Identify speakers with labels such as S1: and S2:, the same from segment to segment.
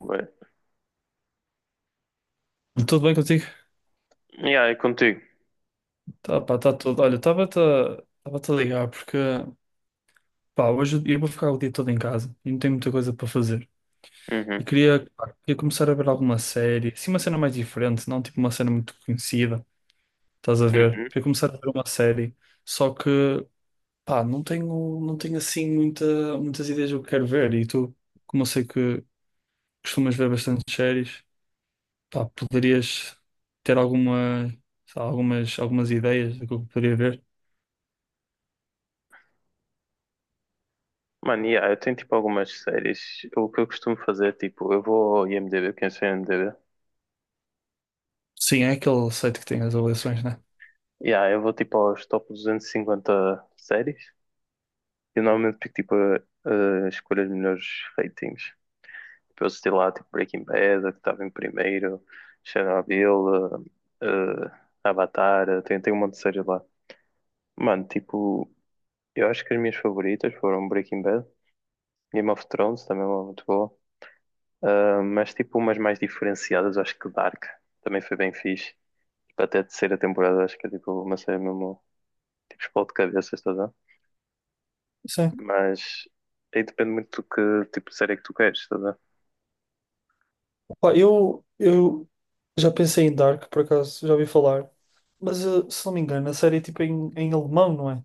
S1: Ué.
S2: Tudo bem contigo?
S1: Yeah, é contigo.
S2: Tá, pá, tá tudo. Olha, estava-te a ligar porque, pá, hoje eu vou ficar o dia todo em casa e não tenho muita coisa para fazer. E
S1: Uhum.
S2: queria, pá, queria começar a ver alguma série, assim uma cena mais diferente, não tipo uma cena muito conhecida, estás a ver?
S1: Uhum.
S2: Queria começar a ver uma série, só que, pá, não tenho assim muitas ideias do que quero ver. E tu, como eu sei que costumas ver bastante séries, pá, poderias ter alguma, sei lá, algumas ideias do que eu poderia ver?
S1: Mano, yeah, eu tenho tipo algumas séries. O que eu costumo fazer, tipo, eu vou ao IMDb, quem sei o IMDb.
S2: Sim, é aquele site que tem as avaliações, né?
S1: Yeah, eu vou tipo aos top 250 séries. E normalmente pico tipo a escolher os melhores ratings. Tipo, eu assisti lá tipo Breaking Bad, a que estava em primeiro, Chernobyl, eh, eh, Avatar, tem um monte de séries lá. Mano, tipo, eu acho que as minhas favoritas foram Breaking Bad, Game of Thrones também é uma muito boa. Ah, mas tipo umas mais diferenciadas, acho que Dark também foi bem fixe. Tipo, até a terceira temporada, acho que é tipo uma série mesmo, tipo, explode cabeças, estás a ver?
S2: Sim.
S1: Mas aí depende muito do que tipo de série que tu queres, estás a ver?
S2: Pá, eu já pensei em Dark, por acaso, já ouvi falar. Mas, se não me engano, a série é tipo em alemão, não é?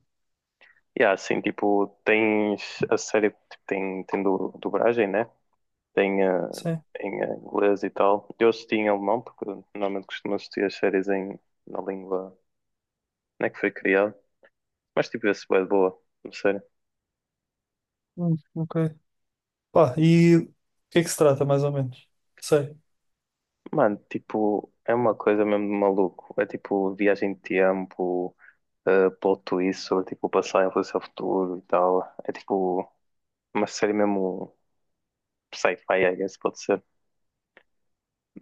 S1: E há, assim, tipo, tens a série, tipo, tem dublagem, né? Tem
S2: Sim.
S1: em inglês e tal. Eu assisti em alemão, porque normalmente costumo assistir as séries em, na língua, não é que foi criada. Mas tipo, esse é boa, não sei.
S2: Ok. Pá, e o que é que se trata, mais ou menos? Sei.
S1: Mano, tipo, é uma coisa mesmo de maluco. É tipo viagem de tempo, plot twist sobre tipo o passado, influência ao futuro e tal. É tipo uma série mesmo sci-fi, I guess, pode ser.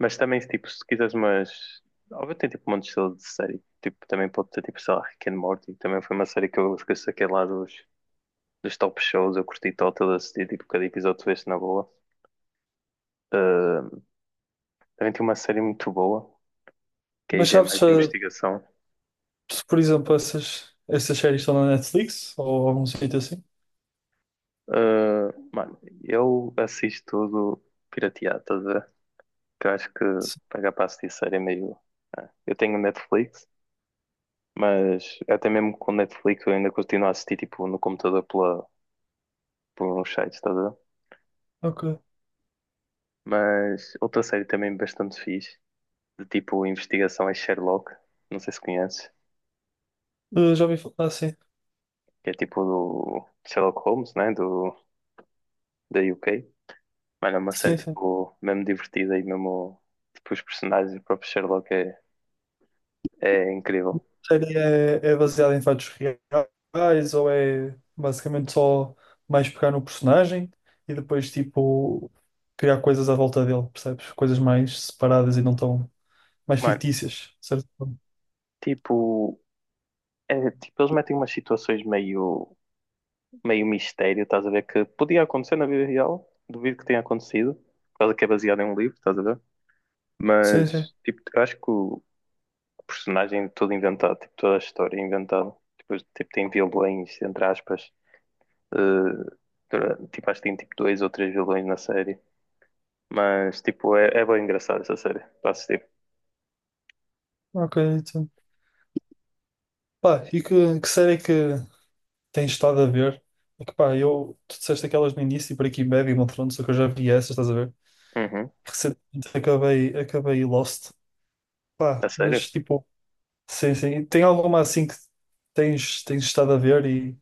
S1: Mas também, tipo, se quiseres, mas. Óbvio, tem tipo um monte de estilo de série. Tipo, também pode ter tipo, sei lá, Rick and Morty. Também foi uma série que eu esqueci aquele lá dos top shows. Eu curti total, assisti tipo cada episódio tu vês na boa. Uh, também tem uma série muito boa, que aí
S2: Mas
S1: já é
S2: sabes
S1: mais de
S2: se,
S1: investigação.
S2: se, por exemplo, essas séries estão na Netflix ou algum sítio assim?
S1: Mano, eu assisto tudo pirateado, estás a ver? Que eu acho que
S2: Sim.
S1: pagar para assistir série é meio. Eu tenho Netflix, mas até mesmo com Netflix eu ainda continuo a assistir tipo no computador pela, por uns sites, estás a ver?
S2: Ok.
S1: Mas outra série também bastante fixe, de tipo investigação é Sherlock, não sei se conheces,
S2: Já ouvi falar, ah, sim.
S1: que é tipo do Sherlock Holmes, né? Do, da UK. Mano, é uma série
S2: Sim, sim.
S1: tipo mesmo divertida e mesmo tipo, os personagens do próprio Sherlock é incrível.
S2: Série é, é baseada em fatos reais ou é basicamente só mais pegar no personagem e depois tipo criar coisas à volta dele, percebes? Coisas mais separadas e não tão mais
S1: Mano,
S2: fictícias, certo?
S1: tipo, é, tipo, eles metem umas situações meio, meio mistério, estás a ver? Que podia acontecer na vida real, duvido que tenha acontecido, por causa que é baseado em um livro, estás a ver?
S2: Sim, sim.
S1: Mas, tipo, eu acho que o personagem é todo inventado, tipo, toda a história é inventada. Depois, tipo, tem vilões, entre aspas, eh, tipo, acho que tem tipo dois ou três vilões na série. Mas, tipo, é bem engraçado essa série, para assistir.
S2: Ok, então. Pá, e que série é que tens estado a ver? É que pá, eu, tu disseste aquelas no início, Breaking Bad e Game of Thrones, só que eu já vi essas, estás a ver?
S1: Uhum,
S2: Recentemente acabei Lost.
S1: a
S2: Pá,
S1: sério?
S2: mas tipo, sim, sim. E tem alguma assim que tens estado a ver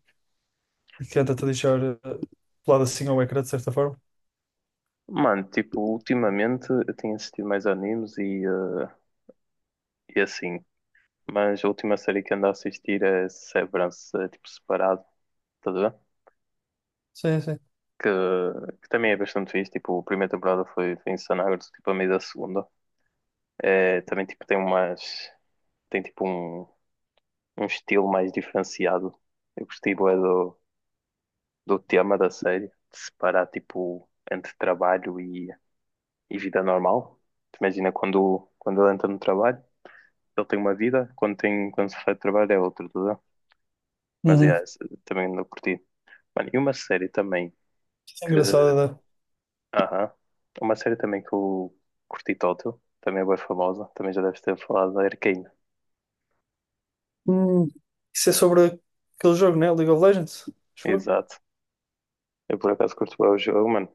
S2: e que tenta-te deixar colado assim ao ecrã, de certa forma?
S1: Mano, tipo, ultimamente eu tenho assistido mais animes e assim. Mas a última série que ando a assistir é Severance, tipo, separado, tá a ver?
S2: Sim, sim.
S1: Que, que também é bastante fixe. Tipo, a primeira temporada foi insana, agora estou, tipo, a meio da segunda. É, também, tipo, tem umas. Tem, tipo, um estilo mais diferenciado. Eu gostei, bué, do tema da série. De separar, tipo, entre trabalho e vida normal. Tu imagina quando ele entra no trabalho, ele tem uma vida. Quando se faz trabalho é outra, tá a ver? Mas,
S2: Uhum.
S1: também não curti. Mano, e uma série também
S2: Isso é
S1: que,
S2: engraçado, né?
S1: aham. Uma série também que eu curti Tótil, também é bem famosa, também já deves ter falado da Arcane.
S2: Hum, isso é sobre aquele jogo, né? League of Legends, acho eu.
S1: Exato. Eu por acaso curto bem o jogo, mano.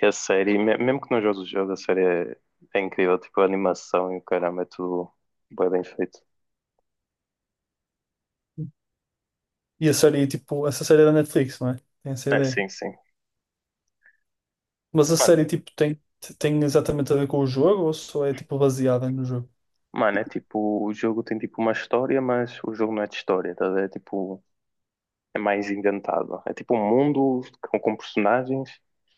S1: E a série, mesmo que não jogues o jogo, a série é incrível, tipo a animação e o caramba, é tudo bem, bem feito.
S2: E a série, tipo, essa série é da Netflix, não é? Tem essa
S1: É,
S2: ideia.
S1: sim, sim.
S2: Mas a
S1: Mano,
S2: série, tipo, tem, tem exatamente a ver com o jogo ou só é, tipo, baseada no jogo?
S1: mano, é tipo, o jogo tem tipo uma história, mas o jogo não é de história, tá a ver? É tipo é mais inventado. É tipo um mundo com personagens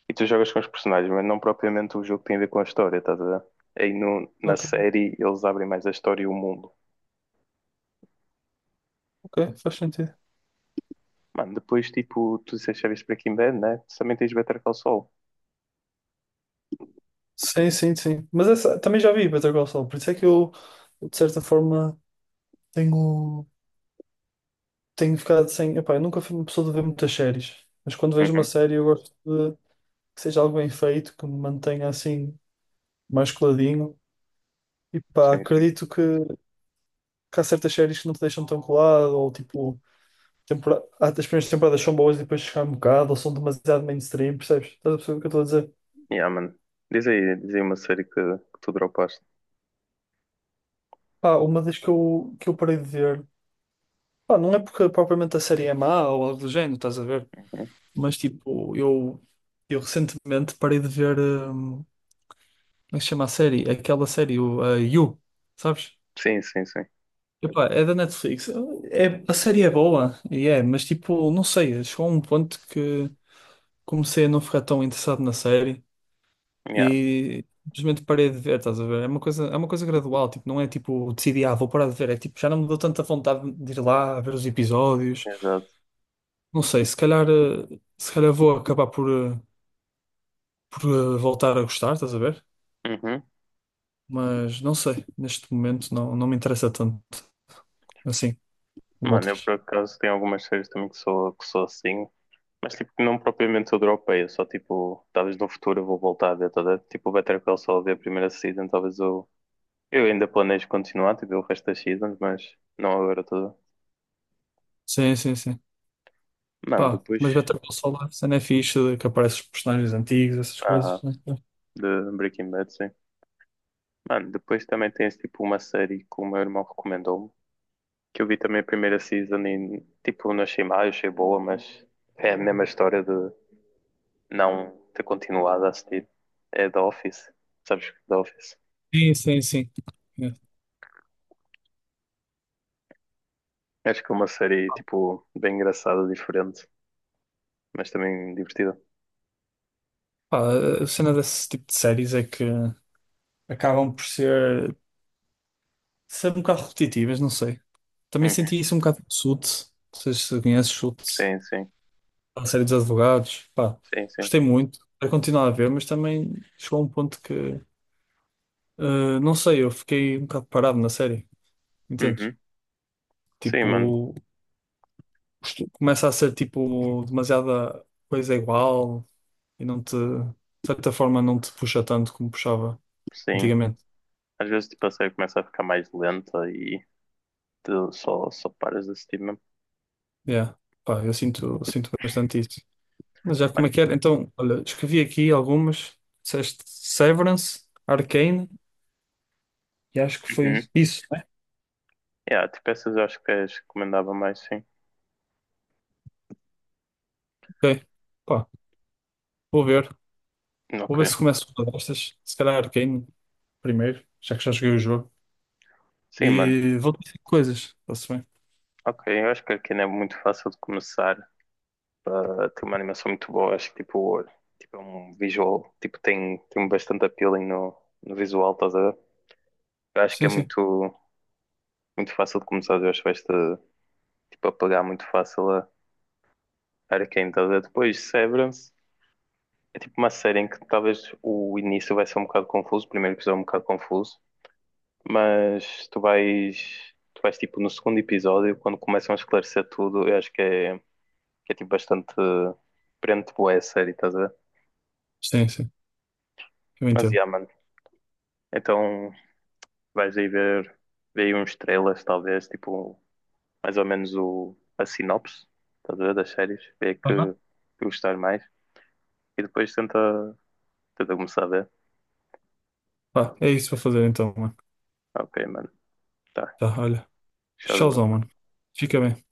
S1: e tu jogas com os personagens, mas não propriamente o jogo tem a ver com a história, estás a ver? Aí no, na
S2: Ok,
S1: série eles abrem mais a história e o mundo.
S2: ok, faz sentido.
S1: Mano, depois tipo, tu disseste já viste Breaking Bad, né? Tu também tens Better Call Saul.
S2: Sim, sim, sim. Mas essa, também já vi Better Call Saul, por isso é que eu, de certa forma, tenho, tenho ficado sem. Epá, eu nunca fui uma pessoa de ver muitas séries, mas quando vejo uma
S1: Uhum,
S2: série eu gosto de que seja algo bem feito, que me mantenha assim mais coladinho. E pá,
S1: sim, sim.
S2: acredito que há certas séries que não te deixam tão colado, ou tipo, tempora- há- as primeiras temporadas são boas e depois chegam um bocado, ou são demasiado mainstream, percebes? Estás a perceber o que eu estou a dizer?
S1: Yeah, mano. Diz aí uma série que tu dropaste.
S2: Pá, uma das que eu parei de ver. Pá, não é porque propriamente a série é má ou algo do género, estás a ver?
S1: Uhum.
S2: Mas tipo, eu recentemente parei de ver, como é que se chama a série? Aquela série, o, a You, sabes?
S1: Sim, sim, sim.
S2: Epá, é da Netflix. É, a série é boa, e é, mas tipo, não sei, chegou a um ponto que comecei a não ficar tão interessado na série
S1: Yeah,
S2: e simplesmente parei de ver, estás a ver? É uma coisa gradual, tipo, não é tipo, decidi, ah, vou parar de ver, é tipo, já não me deu tanta vontade de ir lá a ver os episódios.
S1: exato.
S2: Não sei, se calhar, se calhar vou acabar por, por voltar a gostar, estás a ver?
S1: Uhum.
S2: Mas não sei, neste momento não, não me interessa tanto assim como
S1: Mano, eu
S2: outras.
S1: por acaso tenho algumas séries também que sou assim. Mas tipo, não propriamente toda europeia, só tipo, talvez no futuro eu vou voltar a ver toda, tipo, o Better Call Saul ver a primeira season, talvez eu ainda planejo continuar, tipo, o resto das seasons, mas não agora toda.
S2: Sim, sim, sim.
S1: Mano,
S2: Pá,
S1: depois,
S2: mas Better Call Saul, a cena é fixe, que aparecem os personagens antigos, essas coisas.
S1: ah,
S2: Né?
S1: de Breaking Bad, sim. Mano, depois também tens tipo uma série que o meu irmão recomendou-me, que eu vi também a primeira season e tipo, não achei mal, achei boa, mas é a mesma história de não ter continuado a assistir. É The Office, sabes que The Office?
S2: Sim, sim, sim. É.
S1: Acho que é uma série, tipo, bem engraçada, diferente, mas também divertida.
S2: Pá, a cena desse tipo de séries é que acabam por ser, ser um bocado repetitivas, não sei. Também
S1: Uhum.
S2: senti isso um bocado com Suits, não sei se conheces Suits,
S1: Sim, sim.
S2: a série dos advogados. Pá,
S1: Sim, sim.
S2: gostei muito, quero continuar a ver, mas também chegou a um ponto que uh, não sei, eu fiquei um bocado parado na série, entendes?
S1: Uhum. Sim,
S2: Tipo,
S1: mano.
S2: isto começa a ser tipo demasiada coisa igual e não te, de certa forma, não te puxa tanto como puxava
S1: Sim.
S2: antigamente.
S1: Às vezes, tipo, a série começa a ficar mais lenta e tu só paras de assistir mesmo.
S2: Yeah. Pá, eu sinto, sinto bastante isso. Mas já como é
S1: Mano.
S2: que era? Então, olha, escrevi aqui algumas, disseste Severance, Arcane e acho que foi
S1: Uhum.
S2: isso, né?
S1: Yeah, tipo, essas eu acho que as recomendava mais, sim.
S2: Ok. Pá, vou ver. Vou ver se
S1: Ok.
S2: começo com uma destas. Se calhar Arcane primeiro, já que já joguei o jogo.
S1: Sim, mano.
S2: E vou ter coisas, está-se bem?
S1: Ok, eu acho que aqui não é muito fácil de começar para ter uma animação muito boa. Acho que, tipo, é um visual, tipo, tem bastante appealing no visual, estás a ver? Eu acho que é
S2: Sim, sim,
S1: muito fácil de começar, eu acho que vais-te tipo, a pegar muito fácil a Arcane, estás a ver? Depois Severance é tipo uma série em que talvez o início vai ser um bocado confuso, o primeiro episódio é um bocado confuso, mas tu vais tipo no segundo episódio, quando começam a esclarecer tudo, eu acho que é, tipo bastante prende boa a série, estás a ver?
S2: sim, eu
S1: Mas
S2: entendo.
S1: yeah, mano, então vais aí ver aí uns trailers, talvez, tipo, mais ou menos o, a sinopse, estás a ver, das séries, ver que,
S2: Tá,
S1: que gostar mais. E depois tenta começar a ver.
S2: tá. É isso para fazer então, mano.
S1: Ok, mano, tá,
S2: Tá, olha, tchauzão,
S1: Shazam.
S2: mano. Fica bem.